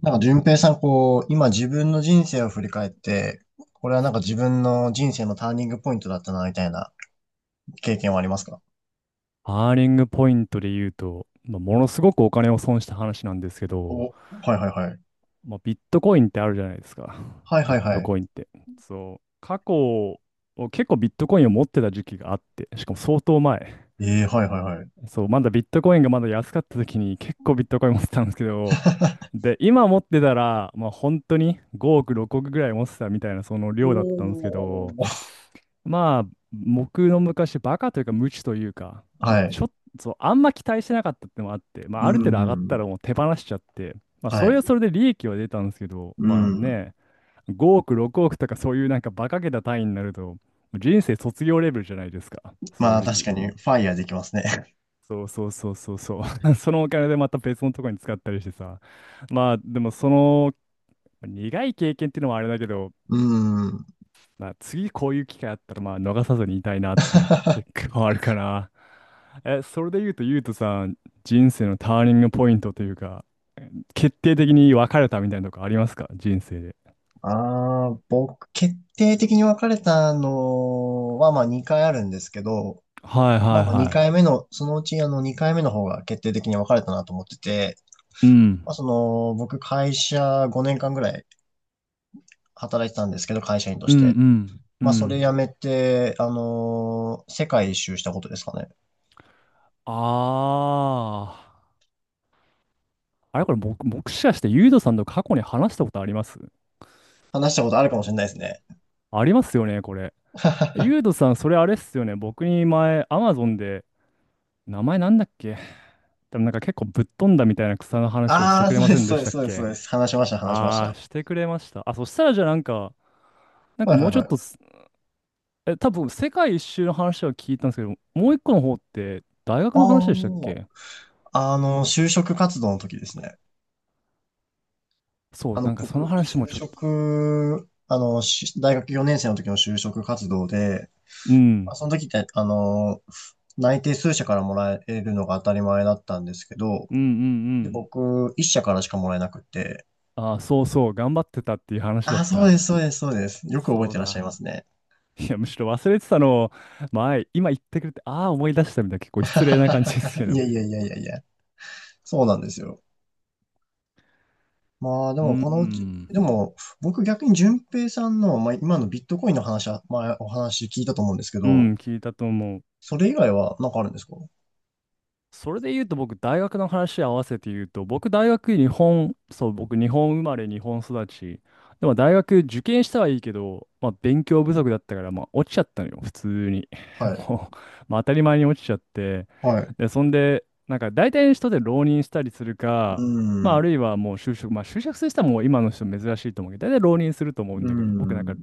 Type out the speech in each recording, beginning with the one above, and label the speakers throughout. Speaker 1: なんか、順平さん、こう、今自分の人生を振り返って、これはなんか自分の人生のターニングポイントだったな、みたいな経験はありますか？
Speaker 2: アーリングポイントで言うと、ものすごくお金を損した話なんですけ
Speaker 1: お、
Speaker 2: ど、
Speaker 1: はいはいはい。
Speaker 2: ビットコインってあるじゃないですか。
Speaker 1: はいは
Speaker 2: ビッ
Speaker 1: いは
Speaker 2: ト
Speaker 1: い。
Speaker 2: コインって。そう。過去、結構ビットコインを持ってた時期があって、しかも相当前。
Speaker 1: ええはいはいはい。
Speaker 2: そう、まだビットコインがまだ安かった時に結構ビットコイン持ってたんですけど、で、今持ってたら、まあ本当に5億、6億ぐらい持ってたみたいなその
Speaker 1: お
Speaker 2: 量だったんですけど、
Speaker 1: ー、
Speaker 2: まあ僕の昔バカというか無知というか、ま
Speaker 1: は
Speaker 2: あ
Speaker 1: い。
Speaker 2: ちょっとあんま期待してなかったってのもあって、ま
Speaker 1: う
Speaker 2: あある程度上がった
Speaker 1: ん。
Speaker 2: らもう手放しちゃって、まあ
Speaker 1: は
Speaker 2: そ
Speaker 1: い。
Speaker 2: れはそれで利益は出たんですけど、
Speaker 1: う
Speaker 2: まあ
Speaker 1: ん。
Speaker 2: ね、5億、6億とかそういうなんかバカげた単位になると、人生卒業レベルじゃないですか、正
Speaker 1: まあ、確
Speaker 2: 直。
Speaker 1: かに、ファイヤーできますね。
Speaker 2: そうそうそうそうそう。そのお金でまた別のとこに使ったりしてさ。まあでもその苦い経験っていうのもあれだけど、
Speaker 1: うん。
Speaker 2: 次こういう機会あったらまあ逃さずにいたいなっていうのは結 構あるかな。それで言うと、ゆうとさん、人生のターニングポイントというか、決定的に分かれたみたいなとこありますか人生で。
Speaker 1: ああ、僕、決定的に別れたのは、まあ、2回あるんですけど、
Speaker 2: はい
Speaker 1: ま
Speaker 2: は
Speaker 1: あ
Speaker 2: い
Speaker 1: まあ
Speaker 2: は
Speaker 1: 2回目の、そのうち2回目の方が決定的に分かれたなと思ってて、
Speaker 2: い。う
Speaker 1: まあ、
Speaker 2: ん。
Speaker 1: その僕会社5年間ぐらい働いてたんですけど、会社員と
Speaker 2: う
Speaker 1: し
Speaker 2: んう
Speaker 1: て。
Speaker 2: んう
Speaker 1: まあそれ
Speaker 2: ん。
Speaker 1: 辞めて、世界一周したことですかね。
Speaker 2: ああ。あれこれ僕、もしかしてゆうとさんと過去に話したことあります
Speaker 1: 話したことあるかもしれないですね。
Speaker 2: ありますよね、これ。ユード さん、それあれっすよね。僕に前、アマゾンで、名前なんだっけでもなんか結構ぶっ飛んだみたいな草の話をして
Speaker 1: ああ、
Speaker 2: くれ
Speaker 1: そう
Speaker 2: ま
Speaker 1: で
Speaker 2: せん
Speaker 1: す、
Speaker 2: で
Speaker 1: そう
Speaker 2: し
Speaker 1: で
Speaker 2: た
Speaker 1: す、
Speaker 2: っ
Speaker 1: そうです、そう
Speaker 2: け
Speaker 1: です。話しました、話しまし
Speaker 2: あ
Speaker 1: た。
Speaker 2: ー、してくれました。そしたらじゃあなんか、なんか
Speaker 1: はい
Speaker 2: も
Speaker 1: は
Speaker 2: う
Speaker 1: い
Speaker 2: ちょっ
Speaker 1: は
Speaker 2: と
Speaker 1: い。
Speaker 2: す、多分世界一周の話は聞いたんですけど、もう一個の方って大学の話でしたっ
Speaker 1: あ
Speaker 2: け
Speaker 1: あ、就職活動の時ですね。
Speaker 2: そう、なんかその
Speaker 1: 僕、
Speaker 2: 話も
Speaker 1: 就
Speaker 2: ちょっと、
Speaker 1: 職、大学4年生の時の就職活動で、
Speaker 2: う
Speaker 1: ま
Speaker 2: ん、
Speaker 1: あその時って、内定数社からもらえるのが当たり前だったんですけど、
Speaker 2: うんうんう
Speaker 1: で、
Speaker 2: ん。
Speaker 1: 僕、一社からしかもらえなくて、
Speaker 2: あー、そうそう、頑張ってたっていう話だっ
Speaker 1: あ、そう
Speaker 2: た。
Speaker 1: です、そうです、そうです。よく覚え
Speaker 2: そう
Speaker 1: てらっしゃいま
Speaker 2: だ。
Speaker 1: すね。
Speaker 2: いや、むしろ忘れてたのを、前、今言ってくれて、ああ、思い出したみたいな、結構失礼な感じです け
Speaker 1: いや
Speaker 2: ど。
Speaker 1: いやいやいやいや、そうなんですよ。まあ、で
Speaker 2: う
Speaker 1: も、このうち、
Speaker 2: ん、
Speaker 1: でも、僕逆に淳平さんの、まあ、今のビットコインの話は、まお話聞いたと思うんですけ
Speaker 2: う
Speaker 1: ど、
Speaker 2: ん、聞いたと思う。
Speaker 1: それ以外はなんかあるんですか？
Speaker 2: それで言うと僕、大学の話合わせて言うと、僕、大学日本、そう、僕、日本生まれ、日本育ち。でも、大学受験したはいいけど、勉強不足だったから、落ちちゃったのよ、普通に。
Speaker 1: はい、
Speaker 2: もう、当たり前に落ちちゃって。
Speaker 1: はい。う
Speaker 2: で、そんで、なんか、大体の人で浪人したりする
Speaker 1: ー
Speaker 2: か、
Speaker 1: ん、
Speaker 2: あ
Speaker 1: う
Speaker 2: るいはもう就職、就職する人はもう今の人珍しいと思うけど、大体浪人すると思う
Speaker 1: ー
Speaker 2: んだけど、僕なん
Speaker 1: ん、
Speaker 2: か、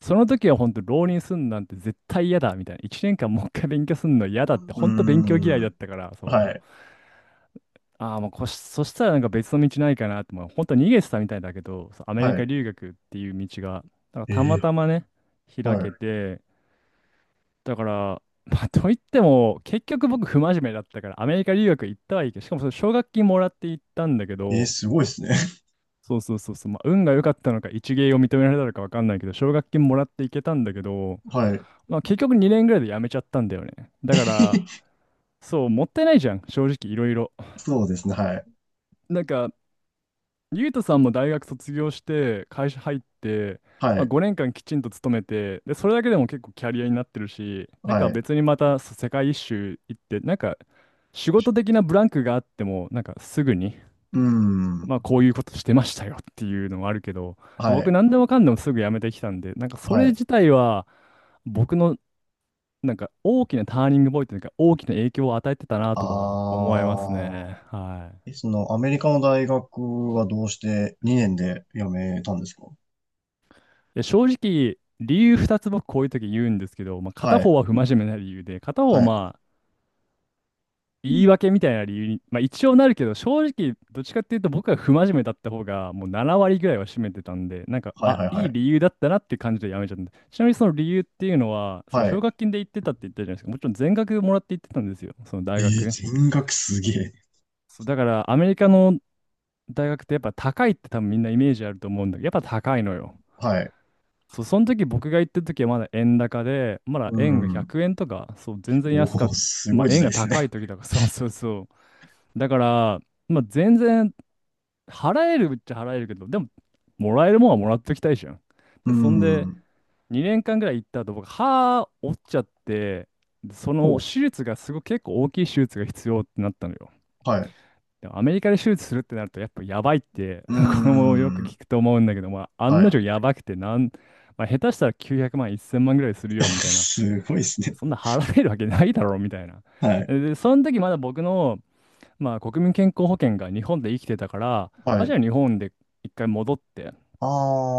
Speaker 2: その時は本当浪人すんなんて絶対嫌だみたいな。1年間もう一回勉強すんの嫌だって、
Speaker 1: うー
Speaker 2: 本当勉強嫌いだっ
Speaker 1: ん、
Speaker 2: たから、そ
Speaker 1: は
Speaker 2: う。
Speaker 1: い、
Speaker 2: ああ、まあこし、そしたらなんか別の道ないかなって、まあ、本当逃げてたみたいだけど、そうアメリ
Speaker 1: は
Speaker 2: カ
Speaker 1: い。
Speaker 2: 留学っていう道が、だからた
Speaker 1: え
Speaker 2: また
Speaker 1: え
Speaker 2: まね、開けて、だから、まあ、といっても、結局僕、不真面目だったから、アメリカ留学行ったはいいけど、しかもその奨学金もらって行ったんだけ
Speaker 1: えー、
Speaker 2: ど、
Speaker 1: すごいですね。
Speaker 2: そうそうそうそう、まあ、運が良かったのか、一芸を認められたのか分かんないけど、奨学金もらって行けたんだけど、
Speaker 1: はい。
Speaker 2: まあ、結局2年ぐらいで辞めちゃったんだよね。だから、そう、もったいないじゃん、正直いろいろ。
Speaker 1: そうですね。はい。
Speaker 2: なんか、ゆうとさんも大学卒業して会社入って、
Speaker 1: は
Speaker 2: まあ、
Speaker 1: い。
Speaker 2: 5年間きちんと勤めてでそれだけでも結構キャリアになってるしなん
Speaker 1: は
Speaker 2: か
Speaker 1: い。
Speaker 2: 別にまたそう世界一周行ってなんか仕事的なブランクがあってもなんかすぐに、
Speaker 1: うん。
Speaker 2: まあ、こういうことしてましたよっていうのもあるけど
Speaker 1: は
Speaker 2: 僕
Speaker 1: い。
Speaker 2: 何でもかんでもすぐ辞めてきたんでなんかそ
Speaker 1: は
Speaker 2: れ
Speaker 1: い。
Speaker 2: 自体は僕のなんか大きなターニングポイントというか大きな影響を与えてたなとは
Speaker 1: あ
Speaker 2: 思いますね。
Speaker 1: あ。え、その、アメリカの大学はどうして2年で辞めたんですか？
Speaker 2: で正直、理由2つ僕こういう時言うんですけど、まあ、片
Speaker 1: はい。
Speaker 2: 方は不真面目な理由で、片方は
Speaker 1: はい。
Speaker 2: まあ言い訳みたいな理由に、まあ、一応なるけど、正直どっちかっていうと僕は不真面目だった方がもう7割ぐらいは占めてたんで、
Speaker 1: はいはいは
Speaker 2: いい
Speaker 1: い。
Speaker 2: 理由だったなっていう感じでやめちゃったんで。ちなみにその理由っていうのは、その
Speaker 1: は
Speaker 2: 奨
Speaker 1: い。
Speaker 2: 学金で行ってたって言ったじゃないですか。もちろん全額もらって行ってたんですよ、その
Speaker 1: え
Speaker 2: 大
Speaker 1: ー、
Speaker 2: 学。
Speaker 1: 全額すげえ。
Speaker 2: そう、だからアメリカの大学ってやっぱ高いって多分みんなイメージあると思うんだけど、やっぱ高いのよ。
Speaker 1: はい。
Speaker 2: そう、その時僕が行った時はまだ円高で、まだ
Speaker 1: う
Speaker 2: 円が
Speaker 1: ん。
Speaker 2: 100円とか、そう、全然安
Speaker 1: お
Speaker 2: かっ
Speaker 1: お、
Speaker 2: た、
Speaker 1: す
Speaker 2: ま
Speaker 1: ご
Speaker 2: あ
Speaker 1: い時
Speaker 2: 円
Speaker 1: 代
Speaker 2: が
Speaker 1: です
Speaker 2: 高い
Speaker 1: ね。
Speaker 2: 時だから、そうそうそう。だから、まあ全然払えるっちゃ払えるけど、でも、もらえるもんはもらっときたいじゃん。
Speaker 1: う
Speaker 2: で、そんで、
Speaker 1: ん。
Speaker 2: 2年間ぐらい行った後、僕、歯折っちゃって、でその
Speaker 1: お、
Speaker 2: 手術がすごく結構大きい手術が必要ってなったのよ。
Speaker 1: はい。
Speaker 2: でもアメリカで手術するってなるとやっぱやばいって
Speaker 1: う
Speaker 2: これもよく
Speaker 1: ん。
Speaker 2: 聞くと思うんだけど、まあ、
Speaker 1: は
Speaker 2: 案の定
Speaker 1: い。
Speaker 2: やばくてなん、まあ、下手したら900万1000万ぐらいする よみたいな
Speaker 1: すごいですね。
Speaker 2: そんな払えるわけないだろうみたいな
Speaker 1: はい。
Speaker 2: で、でその時まだ僕の、まあ、国民健康保険が日本で生きてたから
Speaker 1: は
Speaker 2: あじ
Speaker 1: い。
Speaker 2: ゃあ日本で一回戻って
Speaker 1: あ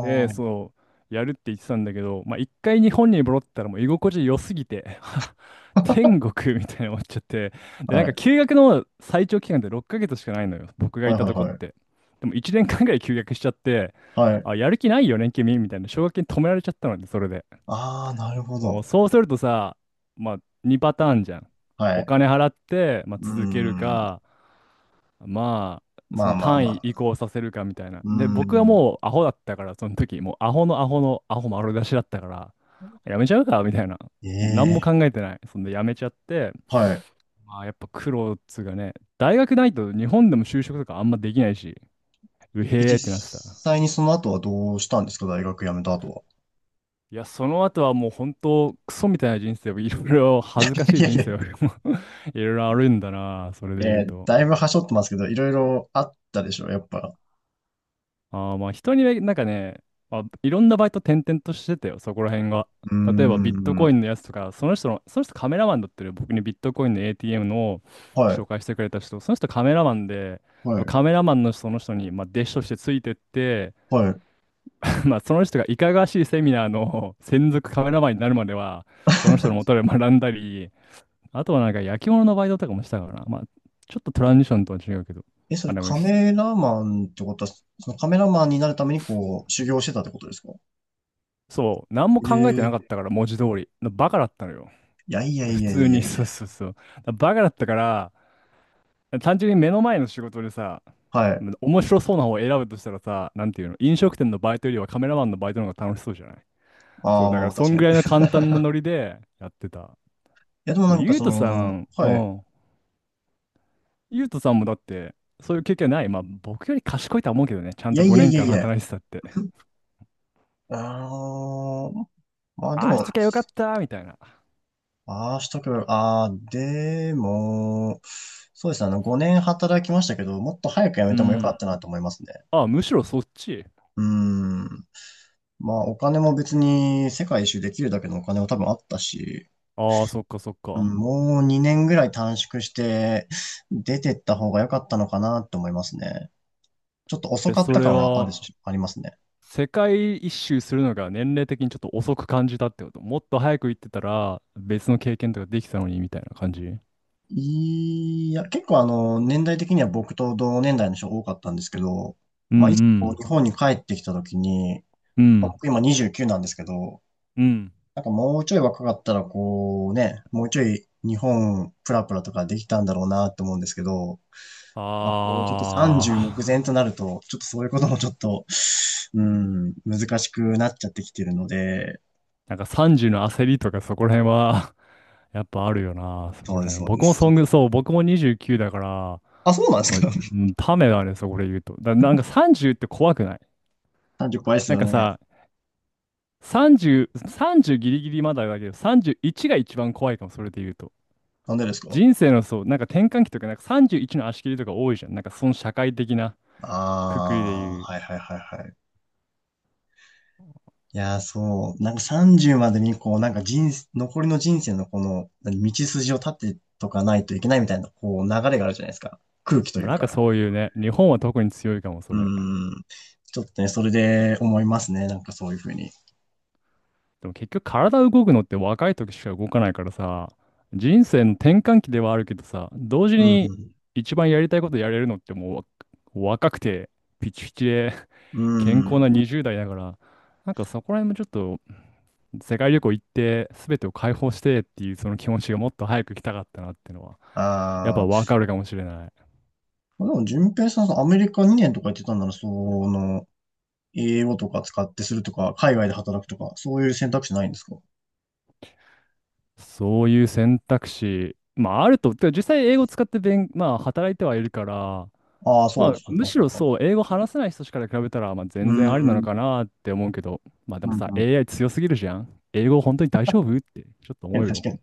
Speaker 2: で、
Speaker 1: あ。
Speaker 2: そう、やるって言ってたんだけど、まあ、一回日本に戻ったらもう居心地良すぎて、天国みたいに思っちゃって、で、な
Speaker 1: は
Speaker 2: んか
Speaker 1: い。
Speaker 2: 休学の最長期間って6ヶ月しかないのよ、僕が
Speaker 1: は
Speaker 2: い
Speaker 1: い
Speaker 2: た
Speaker 1: はい
Speaker 2: とこっ
Speaker 1: はい。
Speaker 2: て。でも1年間ぐらい休学しちゃって、
Speaker 1: はい。
Speaker 2: あ、やる気ないよね、君みたいな、奨学金止められちゃったので、それで。
Speaker 1: ああ、なるほ
Speaker 2: もう
Speaker 1: ど。
Speaker 2: そうするとさ、まあ、2パターンじゃん。
Speaker 1: はい。
Speaker 2: お
Speaker 1: う
Speaker 2: 金払って、まあ、
Speaker 1: ー
Speaker 2: 続ける
Speaker 1: ん。
Speaker 2: か、まそ
Speaker 1: まあ
Speaker 2: の
Speaker 1: まあま
Speaker 2: 単位移
Speaker 1: あ。
Speaker 2: 行させるかみたいな。
Speaker 1: う
Speaker 2: で、
Speaker 1: ー
Speaker 2: 僕は
Speaker 1: ん。
Speaker 2: もうアホだったから、その時、もうアホのアホのアホ丸出しだったから、やめちゃうかみたいな。
Speaker 1: え
Speaker 2: もう何も考
Speaker 1: え。
Speaker 2: えてない。そんでやめちゃって、
Speaker 1: はい。
Speaker 2: まあやっぱ苦労っつうかね、大学ないと日本でも就職とかあんまできないし、うへーってなってた。
Speaker 1: 実際にその後はどうしたんですか？大学辞めた後は。
Speaker 2: いや、その後はもう本当、クソみたいな人生を、いろいろ 恥ずかし
Speaker 1: い
Speaker 2: い
Speaker 1: やい
Speaker 2: 人
Speaker 1: や。
Speaker 2: 生を いろいろあるんだな、それで言うと。
Speaker 1: だいぶはしょってますけど、いろいろあったでしょ、やっぱ。
Speaker 2: ああ、まあ人にね、なんかね、あ、いろんなバイト転々としてたよ、そこら辺が。
Speaker 1: うー
Speaker 2: 例えばビットコ
Speaker 1: ん。
Speaker 2: インのやつとか、その人の、その人カメラマンだったる僕にビットコインの ATM の
Speaker 1: は
Speaker 2: 紹
Speaker 1: い。
Speaker 2: 介してくれた人、その人カメラマンで、
Speaker 1: は
Speaker 2: その
Speaker 1: い。
Speaker 2: カメラマンのその人に、まあ、弟子としてついてって、
Speaker 1: はい。
Speaker 2: まあ、その人がいかがわしいセミナーの専属カメラマンになるまでは、その人のもと で学んだり、あとはなんか焼き物のバイトとかもしたからな。まあ、ちょっとトランジションとは違うけど。
Speaker 1: え、そ
Speaker 2: あ、
Speaker 1: れ
Speaker 2: でも
Speaker 1: カ
Speaker 2: し、
Speaker 1: メラマンってことは、そのカメラマンになるためにこう、修行してたってことですか？
Speaker 2: そう、何も考えてな
Speaker 1: え
Speaker 2: かっ
Speaker 1: え。
Speaker 2: たから、文字通り。バカだったのよ。
Speaker 1: いやいや
Speaker 2: で
Speaker 1: い
Speaker 2: 普
Speaker 1: やいや
Speaker 2: 通
Speaker 1: い
Speaker 2: に、
Speaker 1: やい
Speaker 2: そ
Speaker 1: や。
Speaker 2: うそうそう。バカだったから、単純に目の前の仕事でさ、
Speaker 1: はい。
Speaker 2: 面白そうな方を選ぶとしたらさ、なんていうの、飲食店のバイトよりはカメラマンのバイトの方が楽しそうじゃないそ
Speaker 1: あ
Speaker 2: う、
Speaker 1: あ、
Speaker 2: だか
Speaker 1: ま
Speaker 2: ら
Speaker 1: あ
Speaker 2: そ
Speaker 1: 確
Speaker 2: ん
Speaker 1: か
Speaker 2: ぐ
Speaker 1: に。
Speaker 2: らいの簡単なノリでやってた。
Speaker 1: や、でもな
Speaker 2: で、
Speaker 1: んか
Speaker 2: ゆう
Speaker 1: そ
Speaker 2: とさ
Speaker 1: の、
Speaker 2: ん、う
Speaker 1: はい。
Speaker 2: ん。ゆうとさんもだって、そういう経験ない。まあ、僕より賢いとは思うけどね、ちゃ
Speaker 1: い
Speaker 2: んと
Speaker 1: やいや
Speaker 2: 5
Speaker 1: いや
Speaker 2: 年間
Speaker 1: いや。
Speaker 2: 働いてたって。
Speaker 1: あー、まあで
Speaker 2: ああし
Speaker 1: も、
Speaker 2: ときゃよかったみたいな。
Speaker 1: ああ、しとけば、ああ、でも、そうですね、5年働きましたけど、もっと早く辞め
Speaker 2: う
Speaker 1: てもよか
Speaker 2: ん。
Speaker 1: ったなと思いますね。
Speaker 2: あ、むしろそっち。
Speaker 1: うーん。まあ、お金も別に世界一周できるだけのお金も多分あったし、
Speaker 2: ああ、そっかそっ
Speaker 1: う
Speaker 2: か。
Speaker 1: ん、もう2年ぐらい短縮して、出てった方が良かったのかなって思いますね。ちょっと遅
Speaker 2: え、
Speaker 1: かっ
Speaker 2: そ
Speaker 1: た
Speaker 2: れ
Speaker 1: 感はあ
Speaker 2: は、
Speaker 1: るし、ありますね。
Speaker 2: 世界一周するのが年齢的にちょっと遅く感じたってこともっと早く行ってたら、別の経験とかできたのにみたいな感じ
Speaker 1: いや、結構年代的には僕と同年代の人が多かったんですけど、
Speaker 2: うんう
Speaker 1: まあ、いつも日
Speaker 2: ん
Speaker 1: 本に帰ってきた時に、
Speaker 2: う
Speaker 1: まあ、
Speaker 2: ん。
Speaker 1: 僕今29なんですけど、
Speaker 2: うん。
Speaker 1: なんかもうちょい若かったらこうね、もうちょい日本プラプラとかできたんだろうなと思うんですけど、
Speaker 2: あ
Speaker 1: まあ、こうちょっと30目前とな
Speaker 2: あ。
Speaker 1: ると、ちょっとそういうこともちょっと、うん、難しくなっちゃってきてるので、
Speaker 2: なんか30の焦りとかそこら辺は やっぱあるよな、そこ
Speaker 1: そう
Speaker 2: ら
Speaker 1: です、
Speaker 2: 辺。
Speaker 1: そうで
Speaker 2: 僕も
Speaker 1: す。ちょ
Speaker 2: そ
Speaker 1: っ
Speaker 2: ん
Speaker 1: と
Speaker 2: ぐ、そう、僕も29だから、
Speaker 1: あ、そうなんで
Speaker 2: ま
Speaker 1: す
Speaker 2: あ
Speaker 1: か？
Speaker 2: うんためだね、そこで言うと。なんか30って怖くない
Speaker 1: 30、 怖いです
Speaker 2: なん
Speaker 1: よ
Speaker 2: か
Speaker 1: ね。
Speaker 2: さ、30、30ギリギリまだだけど、31が一番怖いかも、それで言うと。
Speaker 1: なんでですか？
Speaker 2: 人生のそう、なんか転換期とか、なんか31の足切りとか多いじゃん。なんかその社会的なくくりで
Speaker 1: ああ
Speaker 2: 言う。
Speaker 1: ー、はいはいはいはい。いやー、そう。なんか30までに、こう、なんか人生、残りの人生のこの、何道筋を立ってとかないといけないみたいな、こう、流れがあるじゃないですか。空気と
Speaker 2: ま
Speaker 1: い
Speaker 2: あ、
Speaker 1: う
Speaker 2: なんか
Speaker 1: か。
Speaker 2: そういうね、日本は特に強いかも、そ
Speaker 1: う
Speaker 2: れ。
Speaker 1: ん。ちょっとね、それで思いますね。なんかそういうふうに。
Speaker 2: でも結局体動くのって若い時しか動かないからさ、人生の転換期ではあるけどさ、同時
Speaker 1: う
Speaker 2: に
Speaker 1: ん
Speaker 2: 一番やりたいことやれるのってうわ若くて、ピチピチで
Speaker 1: う
Speaker 2: 健
Speaker 1: ん。う
Speaker 2: 康な
Speaker 1: ん。
Speaker 2: 20代だから、なんかそこら辺もちょっと世界旅行行って全てを解放してっていうその気持ちがもっと早く来たかったなってのはやっぱ
Speaker 1: あ
Speaker 2: わか
Speaker 1: ー。
Speaker 2: るかもしれない。
Speaker 1: まあ、でも、淳平さん、そのアメリカ2年とか言ってたんなら、その、英語とか使ってするとか、海外で働くとか、そういう選択肢ないんですか？
Speaker 2: そういう選択肢、まああると、てか実際英語使って勉、まあ働いてはいるから、
Speaker 1: ああー、
Speaker 2: ま
Speaker 1: そうで
Speaker 2: あ
Speaker 1: す。は
Speaker 2: む
Speaker 1: は
Speaker 2: しろ
Speaker 1: はは
Speaker 2: そう、英語話せない人から比べたら、まあ
Speaker 1: う
Speaker 2: 全然ありな
Speaker 1: ん。う
Speaker 2: の
Speaker 1: ん
Speaker 2: かなって思うけど、まあでもさ、
Speaker 1: う
Speaker 2: AI 強すぎるじゃん。英語本当に大丈夫ってちょっと思
Speaker 1: ん。
Speaker 2: う
Speaker 1: 確
Speaker 2: よ。
Speaker 1: かに。